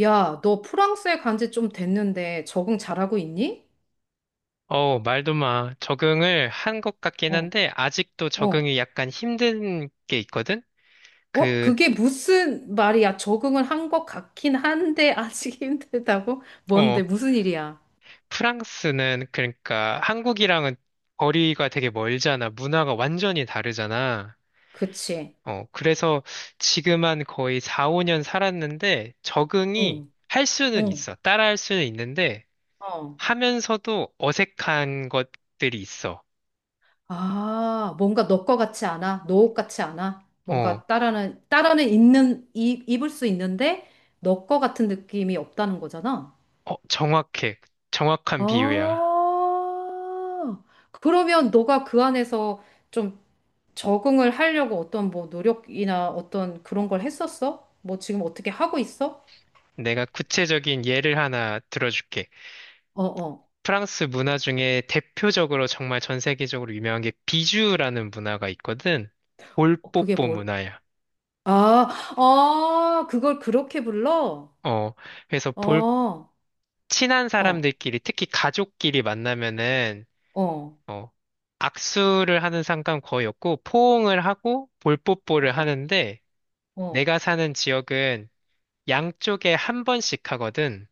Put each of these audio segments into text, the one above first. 야, 너 프랑스에 간지 좀 됐는데 적응 잘하고 있니? 어, 말도 마. 적응을 한 것 같긴 어, 한데, 아직도 어, 적응이 약간 힘든 게 있거든? 어, 그, 그게 무슨 말이야? 적응을 한 것 같긴 한데 아직 힘들다고? 어, 뭔데? 무슨 일이야? 프랑스는, 그러니까 한국이랑은 거리가 되게 멀잖아. 문화가 완전히 다르잖아. 그치? 어, 그래서 지금 한 거의 4, 5년 살았는데, 적응이 응, 할 수는 응, 있어. 따라 할 수는 있는데, 어. 하면서도 어색한 것들이 있어. 아, 뭔가 너 거 같지 않아? 너 옷 같지 않아? 어, 뭔가 따라는 있는, 입 입을 수 있는데 너 거 같은 느낌이 없다는 거잖아? 어, 정확해. 정확한 비유야. 아, 그러면 너가 그 안에서 좀 적응을 하려고 어떤 뭐 노력이나 어떤 그런 걸 했었어? 뭐 지금 어떻게 하고 있어? 내가 구체적인 예를 하나 들어줄게. 어, 어. 프랑스 문화 중에 대표적으로 정말 전 세계적으로 유명한 게 비주라는 문화가 있거든. 어, 그게 볼뽀뽀 뭘? 문화야. 아, 아, 그걸 그렇게 불러? 어, 그래서 어, 어, 친한 사람들끼리, 특히 가족끼리 만나면은, 어, 어, 악수를 하는 상관 거의 없고, 포옹을 하고 볼뽀뽀를 어, 하는데, 어. 내가 사는 지역은 양쪽에 한 번씩 하거든.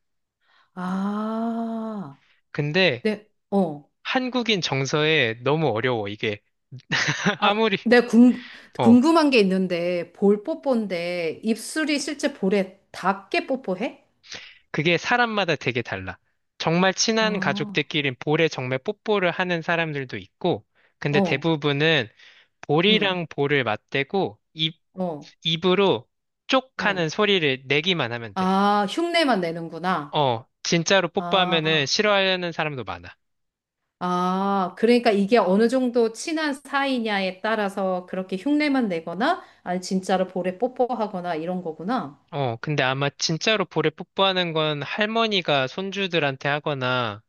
아, 근데 네, 어. 한국인 정서에 너무 어려워, 이게. 아, 아무리, 어, 궁금한 게 있는데, 볼 뽀뽀인데, 입술이 실제 볼에 닿게 뽀뽀해? 그게 사람마다 되게 달라. 정말 친한 가족들 아, 끼리 볼에 정말 뽀뽀를 하는 사람들도 있고, 근데 어, 대부분은 응, 볼이랑 볼을 맞대고 어, 입으로 쪽 하는 어. 소리를 내기만 하면 돼. 아, 흉내만 내는구나. 어, 진짜로 뽀뽀하면은 아. 싫어하는 사람도 많아. 아, 그러니까 이게 어느 정도 친한 사이냐에 따라서 그렇게 흉내만 내거나, 아니, 진짜로 볼에 뽀뽀하거나 이런 거구나. 어, 근데 아마 진짜로 볼에 뽀뽀하는 건 할머니가 손주들한테 하거나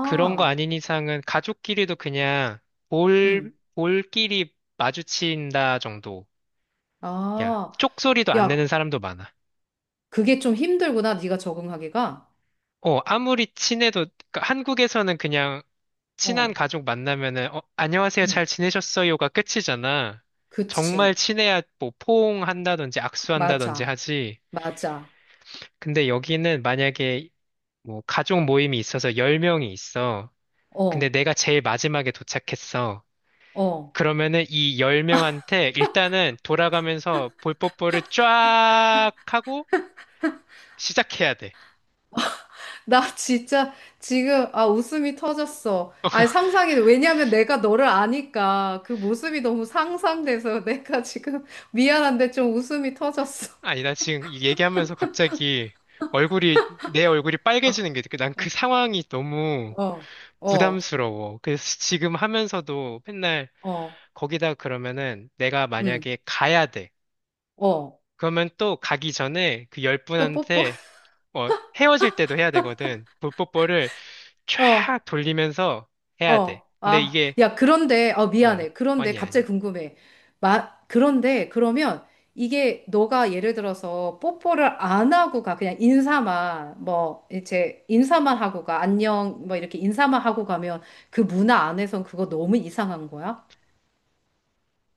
그런 거 아닌 이상은 가족끼리도 그냥 음, 볼끼리 마주친다. 야, 아, 쪽소리도 안 야, 내는 사람도 많아. 그게 좀 힘들구나, 네가 적응하기가. 어, 아무리 친해도, 그러니까 한국에서는 그냥 친한 어, 가족 만나면은, 어, 안녕하세요, 잘 음, 지내셨어요가 끝이잖아. 정말 그치. 친해야 뭐 포옹한다든지 악수한다든지 맞아, 하지. 맞아. 근데 여기는 만약에 뭐 가족 모임이 있어서 10명이 있어. 근데 어, 내가 제일 마지막에 도착했어. 어. 그러면은 이 10명한테 일단은 돌아가면서 볼뽀뽀를 쫙 하고 시작해야 돼. 나 진짜 지금, 아, 웃음이 터졌어. 아니, 상상이, 왜냐면 내가 너를 아니까 그 모습이 너무 상상돼서 내가 지금 미안한데 좀 웃음이 터졌어. 아니, 나 지금 이 얘기하면서 갑자기 내 얼굴이 빨개지는 게, 난 그 상황이 너무 어, 어, 부담스러워. 그래서 지금 하면서도 맨날 어, 거기다, 그러면은 내가 응, 만약에 가야 돼. 어. 그러면 또 가기 전에 그 열 또 뽀뽀? 분한테, 어, 헤어질 때도 해야 되거든. 볼뽀뽀를 어, 쫙 돌리면서 해야 돼. 어. 근데 아, 이게, 야, 그런데, 어, 어, 미안해. 그런데 아니야, 아니야. 갑자기 궁금해. 그런데, 그러면 이게 너가 예를 들어서 뽀뽀를 안 하고 가. 그냥 인사만, 뭐, 이제 인사만 하고 가. 안녕, 뭐, 이렇게 인사만 하고 가면 그 문화 안에선 그거 너무 이상한 거야?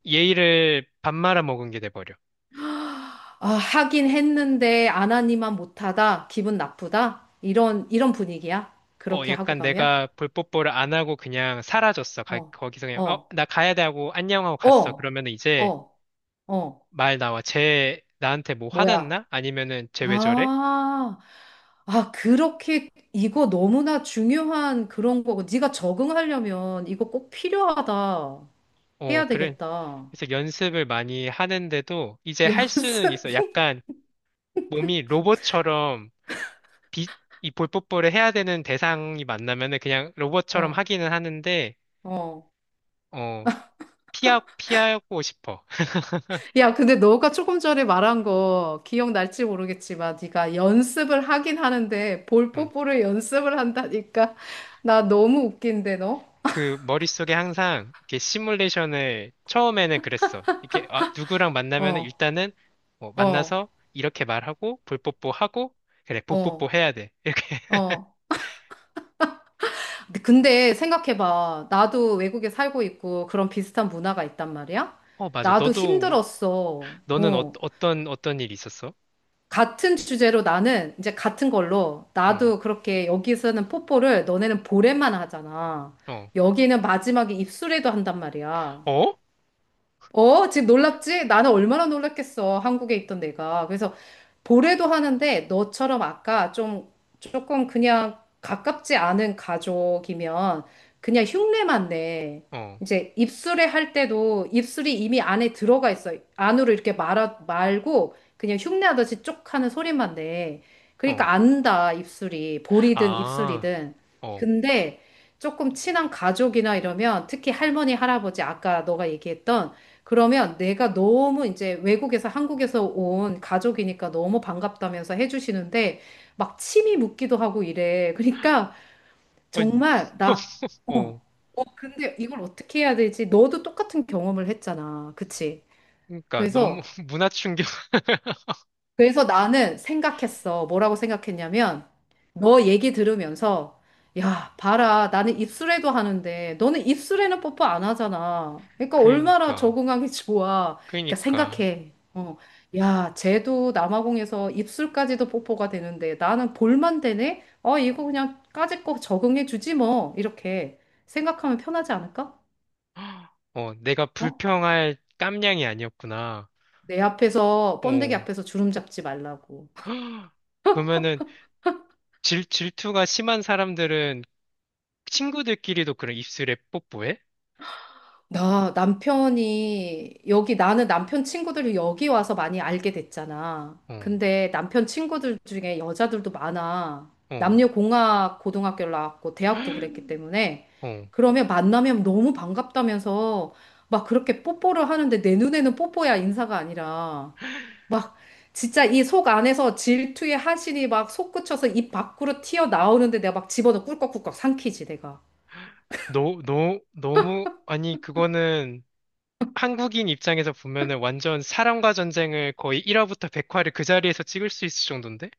예의를 밥 말아 먹은 게 돼버려. 아, 하긴 했는데 안 하니만 못하다. 기분 나쁘다. 이런 분위기야. 어, 그렇게 하고 약간 가면? 내가 볼뽀뽀를 안 하고 그냥 사라졌어. 어, 거기서 그냥, 어, 어. 나 가야 돼 하고 안녕하고 갔어. 어, 그러면 이제 어, 어, 말 나와. 쟤 나한테 뭐 뭐야. 화났나? 아니면은 쟤 왜 저래? 아, 아, 그렇게 이거 너무나 중요한 그런 거고. 네가 적응하려면 이거 꼭 필요하다. 어, 해야 그래. 되겠다. 그래서 연습을 많이 하는데도 이제 할 수는 있어. 연습. 약간 몸이 로봇처럼, 비, 이 볼뽀뽀를 해야 되는 대상이 만나면은 그냥 로봇처럼 어, 하기는 하는데, 어. 어, 피하고 싶어. 야, 근데 너가 조금 전에 말한 거 기억날지 모르겠지만 네가 연습을 하긴 하는데 볼 뽀뽀를 연습을 한다니까. 나 너무 웃긴데 너? 그 머릿속에 항상 이렇게 시뮬레이션을, 처음에는 그랬어. 이렇게, 아, 누구랑 만나면은 어, 일단은 뭐 어, 만나서 이렇게 말하고 볼뽀뽀 하고, 그래 볼뽀뽀 어, 해야 돼, 이렇게. 어. 근데 생각해봐. 나도 외국에 살고 있고 그런 비슷한 문화가 있단 말이야. 어, 맞아. 나도 너도. 힘들었어. 너는, 어, 어. 어떤 일이 있었어? 같은 주제로 나는 이제 같은 걸로 응. 나도 그렇게 여기서는 뽀뽀를 너네는 볼에만 하잖아. 어. 여기는 마지막에 입술에도 한단 말이야. 어? 어, 지금 놀랍지? 나는 얼마나 놀랐겠어. 한국에 있던 내가. 그래서 보래도 하는데 너처럼 아까 좀 조금 그냥 가깝지 않은 가족이면 그냥 흉내만 내. 어. 이제 입술에 할 때도 입술이 이미 안에 들어가 있어. 안으로 이렇게 말아 말고 그냥 흉내하듯이 쪽 하는 소리만 내. 어. 그러니까 안다, 입술이. 볼이든 아. 입술이든. 어. 근데 조금 친한 가족이나 이러면 특히 할머니, 할아버지 아까 너가 얘기했던 그러면 내가 너무 이제 외국에서 한국에서 온 가족이니까 너무 반갑다면서 해주시는데 막 침이 묻기도 하고 이래. 그러니까 아니, 정말 나, 어, 어. 근데 이걸 어떻게 해야 되지? 너도 똑같은 경험을 했잖아. 그치? 그러니까 너무 그래서 문화 충격. 그래서 나는 생각했어. 뭐라고 생각했냐면, 너 얘기 들으면서, 야, 봐라. 나는 입술에도 하는데, 너는 입술에는 뽀뽀 안 하잖아. 그러니까 얼마나 그러니까. 적응하기 좋아. 그러니까 그러니까. 생각해. 어. 야, 쟤도 남아공에서 입술까지도 뽀뽀가 되는데, 나는 볼만 되네? 어, 이거 그냥 까짓 거 적응해 주지 뭐. 이렇게 생각하면 편하지 않을까? 어, 내가 어? 불평할 깜냥이 아니었구나. 내 앞에서, 번데기 어. 앞에서 주름 잡지 말라고. 그러면은 질투가 심한 사람들은 친구들끼리도 그런 입술에 뽀뽀해? 나 남편이 여기 나는 남편 친구들이 여기 와서 많이 알게 됐잖아. 어. 근데 남편 친구들 중에 여자들도 많아. 어. 남녀공학 고등학교를 나왔고 대학도 그랬기 때문에 어. 그러면 만나면 너무 반갑다면서 막 그렇게 뽀뽀를 하는데 내 눈에는 뽀뽀야 인사가 아니라 막 진짜 이 속 안에서 질투의 하신이 막 솟구쳐서 입 밖으로 튀어나오는데 내가 막 집어넣고 꿀꺽꿀꺽 삼키지 내가. 너무, 아니, 그거는 한국인 입장에서 보면은 완전 사람과 전쟁을 거의 1화부터 100화를 그 자리에서 찍을 수 있을 정도인데?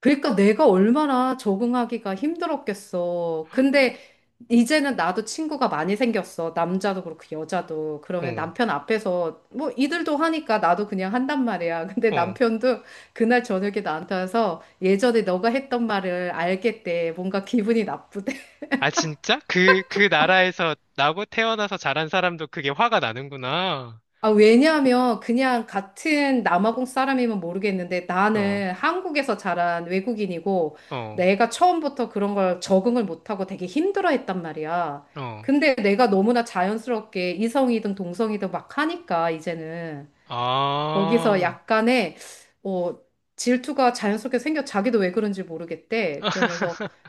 그러니까 내가 얼마나 적응하기가 힘들었겠어. 근데 이제는 나도 친구가 많이 생겼어. 남자도 그렇고 여자도. 그러면 어, 남편 앞에서 뭐 이들도 하니까 나도 그냥 한단 말이야. 근데 어. 남편도 그날 저녁에 나한테 와서 예전에 너가 했던 말을 알겠대. 뭔가 기분이 나쁘대. 아, 진짜? 그 나라에서 나고 태어나서 자란 사람도 그게 화가 나는구나. 아, 왜냐하면 그냥 같은 남아공 사람이면 모르겠는데 어. 나는 한국에서 자란 외국인이고 어. 내가 처음부터 그런 걸 적응을 못하고 되게 힘들어 했단 말이야. 어. 근데 내가 너무나 자연스럽게 이성이든 동성이든 막 하니까 이제는 거기서 아. 약간의 어, 질투가 자연스럽게 생겨 자기도 왜 그런지 모르겠대. 그러면서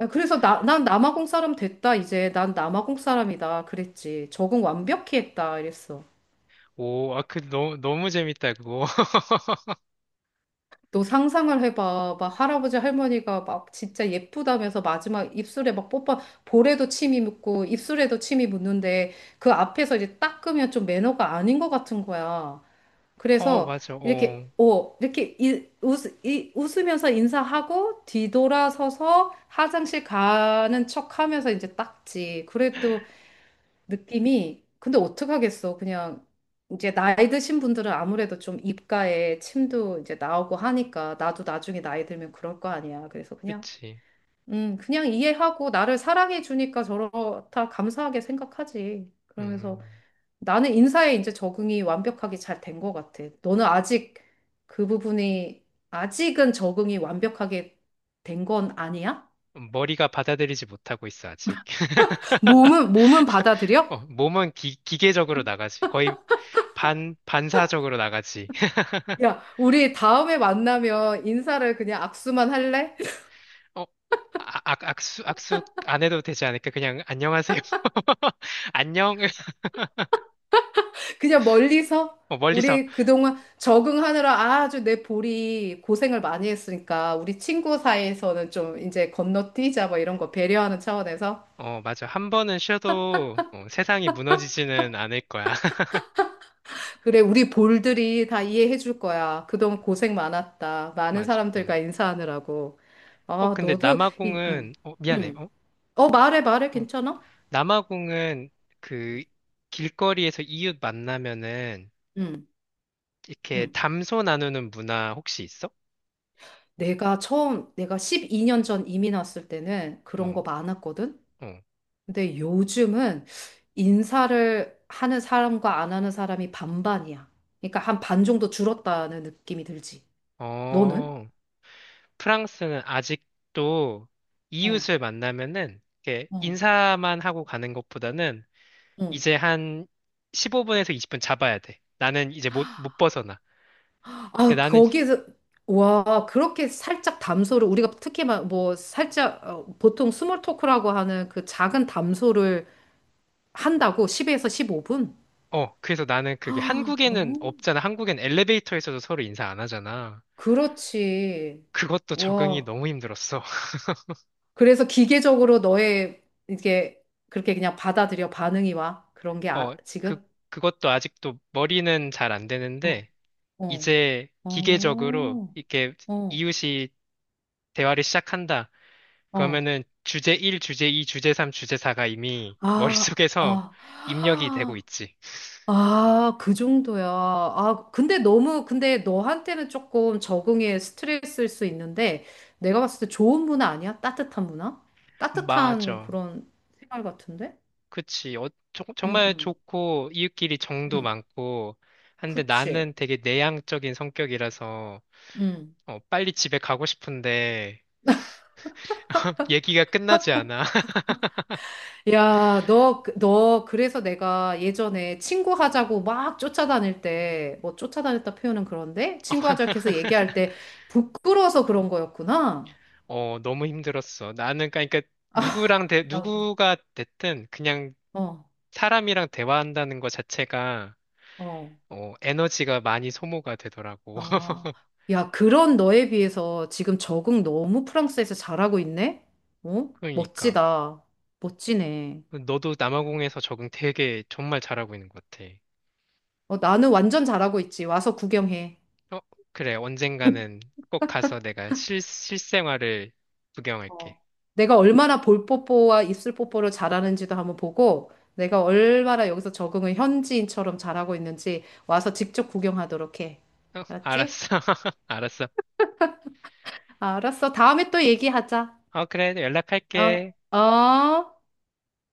야, 그래서 난 남아공 사람 됐다 이제 난 남아공 사람이다 그랬지. 적응 완벽히 했다 이랬어. 오, 아, 너무, 너무 재밌다, 그거. 너 상상을 해봐. 막 할아버지 할머니가 막 진짜 예쁘다면서 마지막 입술에 막 뽀뽀, 볼에도 침이 묻고 입술에도 침이 묻는데 그 앞에서 이제 닦으면 좀 매너가 아닌 것 같은 거야. 어, 그래서 맞아, 어, 이렇게 웃으면서 인사하고 뒤돌아서서 화장실 가는 척 하면서 이제 닦지. 그래도 느낌이 근데 어떡하겠어. 그냥 이제 나이 드신 분들은 아무래도 좀 입가에 침도 이제 나오고 하니까 나도 나중에 나이 들면 그럴 거 아니야. 그래서 그냥 그치. 그냥 이해하고 나를 사랑해 주니까 저렇다 감사하게 생각하지. 그러면서 음, 나는 인사에 이제 적응이 완벽하게 잘 된 것 같아. 너는 아직 그 부분이 아직은 적응이 완벽하게 된 건 아니야? 머리가 받아들이지 못하고 있어, 아직. 몸은 받아들여? 어, 몸은 기계적으로 나가지. 거의 반사적으로 나가지. 야, 우리 다음에 만나면 인사를 그냥 악수만 할래? 어, 아, 악수 안 해도 되지 않을까? 그냥, 안녕하세요. 안녕. 그냥 멀리서? 어, 멀리서. 우리 그동안 적응하느라 아주 내 볼이 고생을 많이 했으니까 우리 친구 사이에서는 좀 이제 건너뛰자 뭐 이런 거 배려하는 차원에서. 어, 맞아. 한 번은 쉬어도, 어, 세상이 무너지지는 않을 거야. 그래, 우리 볼들이 다 이해해 줄 거야. 그동안 고생 많았다. 많은 맞아. 음. 사람들과 인사하느라고. 어, 아, 근데 너도 이 남아공은, 어, 미안해. 음. 어? 어, 말해, 말해. 어. 괜찮아? 남아공은 그 길거리에서 이웃 만나면은 음. 이렇게 음. 담소 나누는 문화 혹시 있어? 내가 12년 전 이민 왔을 때는 그런 거 어. 많았거든? 어. 근데 요즘은 인사를 하는 사람과 안 하는 사람이 반반이야. 그러니까 한 반 정도 줄었다는 느낌이 들지. 너는? 어, 프랑스는 아직도 어, 이웃을 만나면은 이렇게 어, 인사만 하고 가는 것보다는 어. 이제 한 15분에서 20분 잡아야 돼. 나는 이제 못 벗어나. 근데 아, 나는, 거기에서, 와, 그렇게 살짝 담소를, 우리가 특히 막 뭐 살짝, 보통 스몰 토크라고 하는 그 작은 담소를 한다고 10에서 15분? 어, 그래서 나는 그게 한국에는 없잖아. 한국엔 엘리베이터에서도 서로 인사 안 하잖아. 그렇지. 그것도 적응이 와. 너무 힘들었어. 그래서 기계적으로 너의 이게 그렇게 그냥 받아들여 반응이 와. 그런 게 어, 아, 그, 지금? 그것도 아직도 머리는 잘 안 어, 되는데, 어, 이제 기계적으로 어, 이렇게 어, 이웃이 대화를 시작한다. 어. 그러면은 주제 1, 주제 2, 주제 3, 주제 4가 이미 아, 머릿속에서 아, 입력이 되고 있지. 아, 그 정도야. 아, 근데 너무, 근데 너한테는 조금 적응에 스트레스일 수 있는데 내가 봤을 때 좋은 문화 아니야? 따뜻한 문화? 따뜻한 맞아. 그런 생활 같은데? 그치. 어, 응, 정말 응, 좋고, 이웃끼리 정도 응. 많고, 한데 그치. 나는 되게 내향적인 성격이라서, 응. 어, 빨리 집에 가고 싶은데, 얘기가 끝나지 않아. 야, 너, 그래서 내가 예전에 친구 하자고 막 쫓아다닐 때, 뭐 쫓아다녔다 표현은 그런데? 친구 하자고 해서 얘기할 때 부끄러워서 그런 거였구나. 어, 너무 힘들었어. 나는, 그러니까 아, 나, 누구가 됐든, 그냥 뭐, 사람이랑 대화한다는 것 자체가, 어, 어, 어, 에너지가 많이 소모가 되더라고. 아. 야, 그런 너에 비해서 지금 적응 너무 프랑스에서 잘하고 있네? 어? 그러니까. 멋지다. 멋지네. 너도 남아공에서 적응 되게 정말 잘하고 있는 것 같아. 어, 나는 완전 잘하고 있지. 와서 구경해. 어, 그래. 언젠가는 꼭 가서 내가 실생활을 구경할게. 어, 내가 얼마나 볼 뽀뽀와 입술 뽀뽀를 잘하는지도 한번 보고, 내가 얼마나 여기서 적응을 현지인처럼 잘하고 있는지 와서 직접 구경하도록 해. 어, 알았지? 알았어. 알았어. 알았어. 다음에 또 얘기하자. 어, 그래. 어, 연락할게. 어.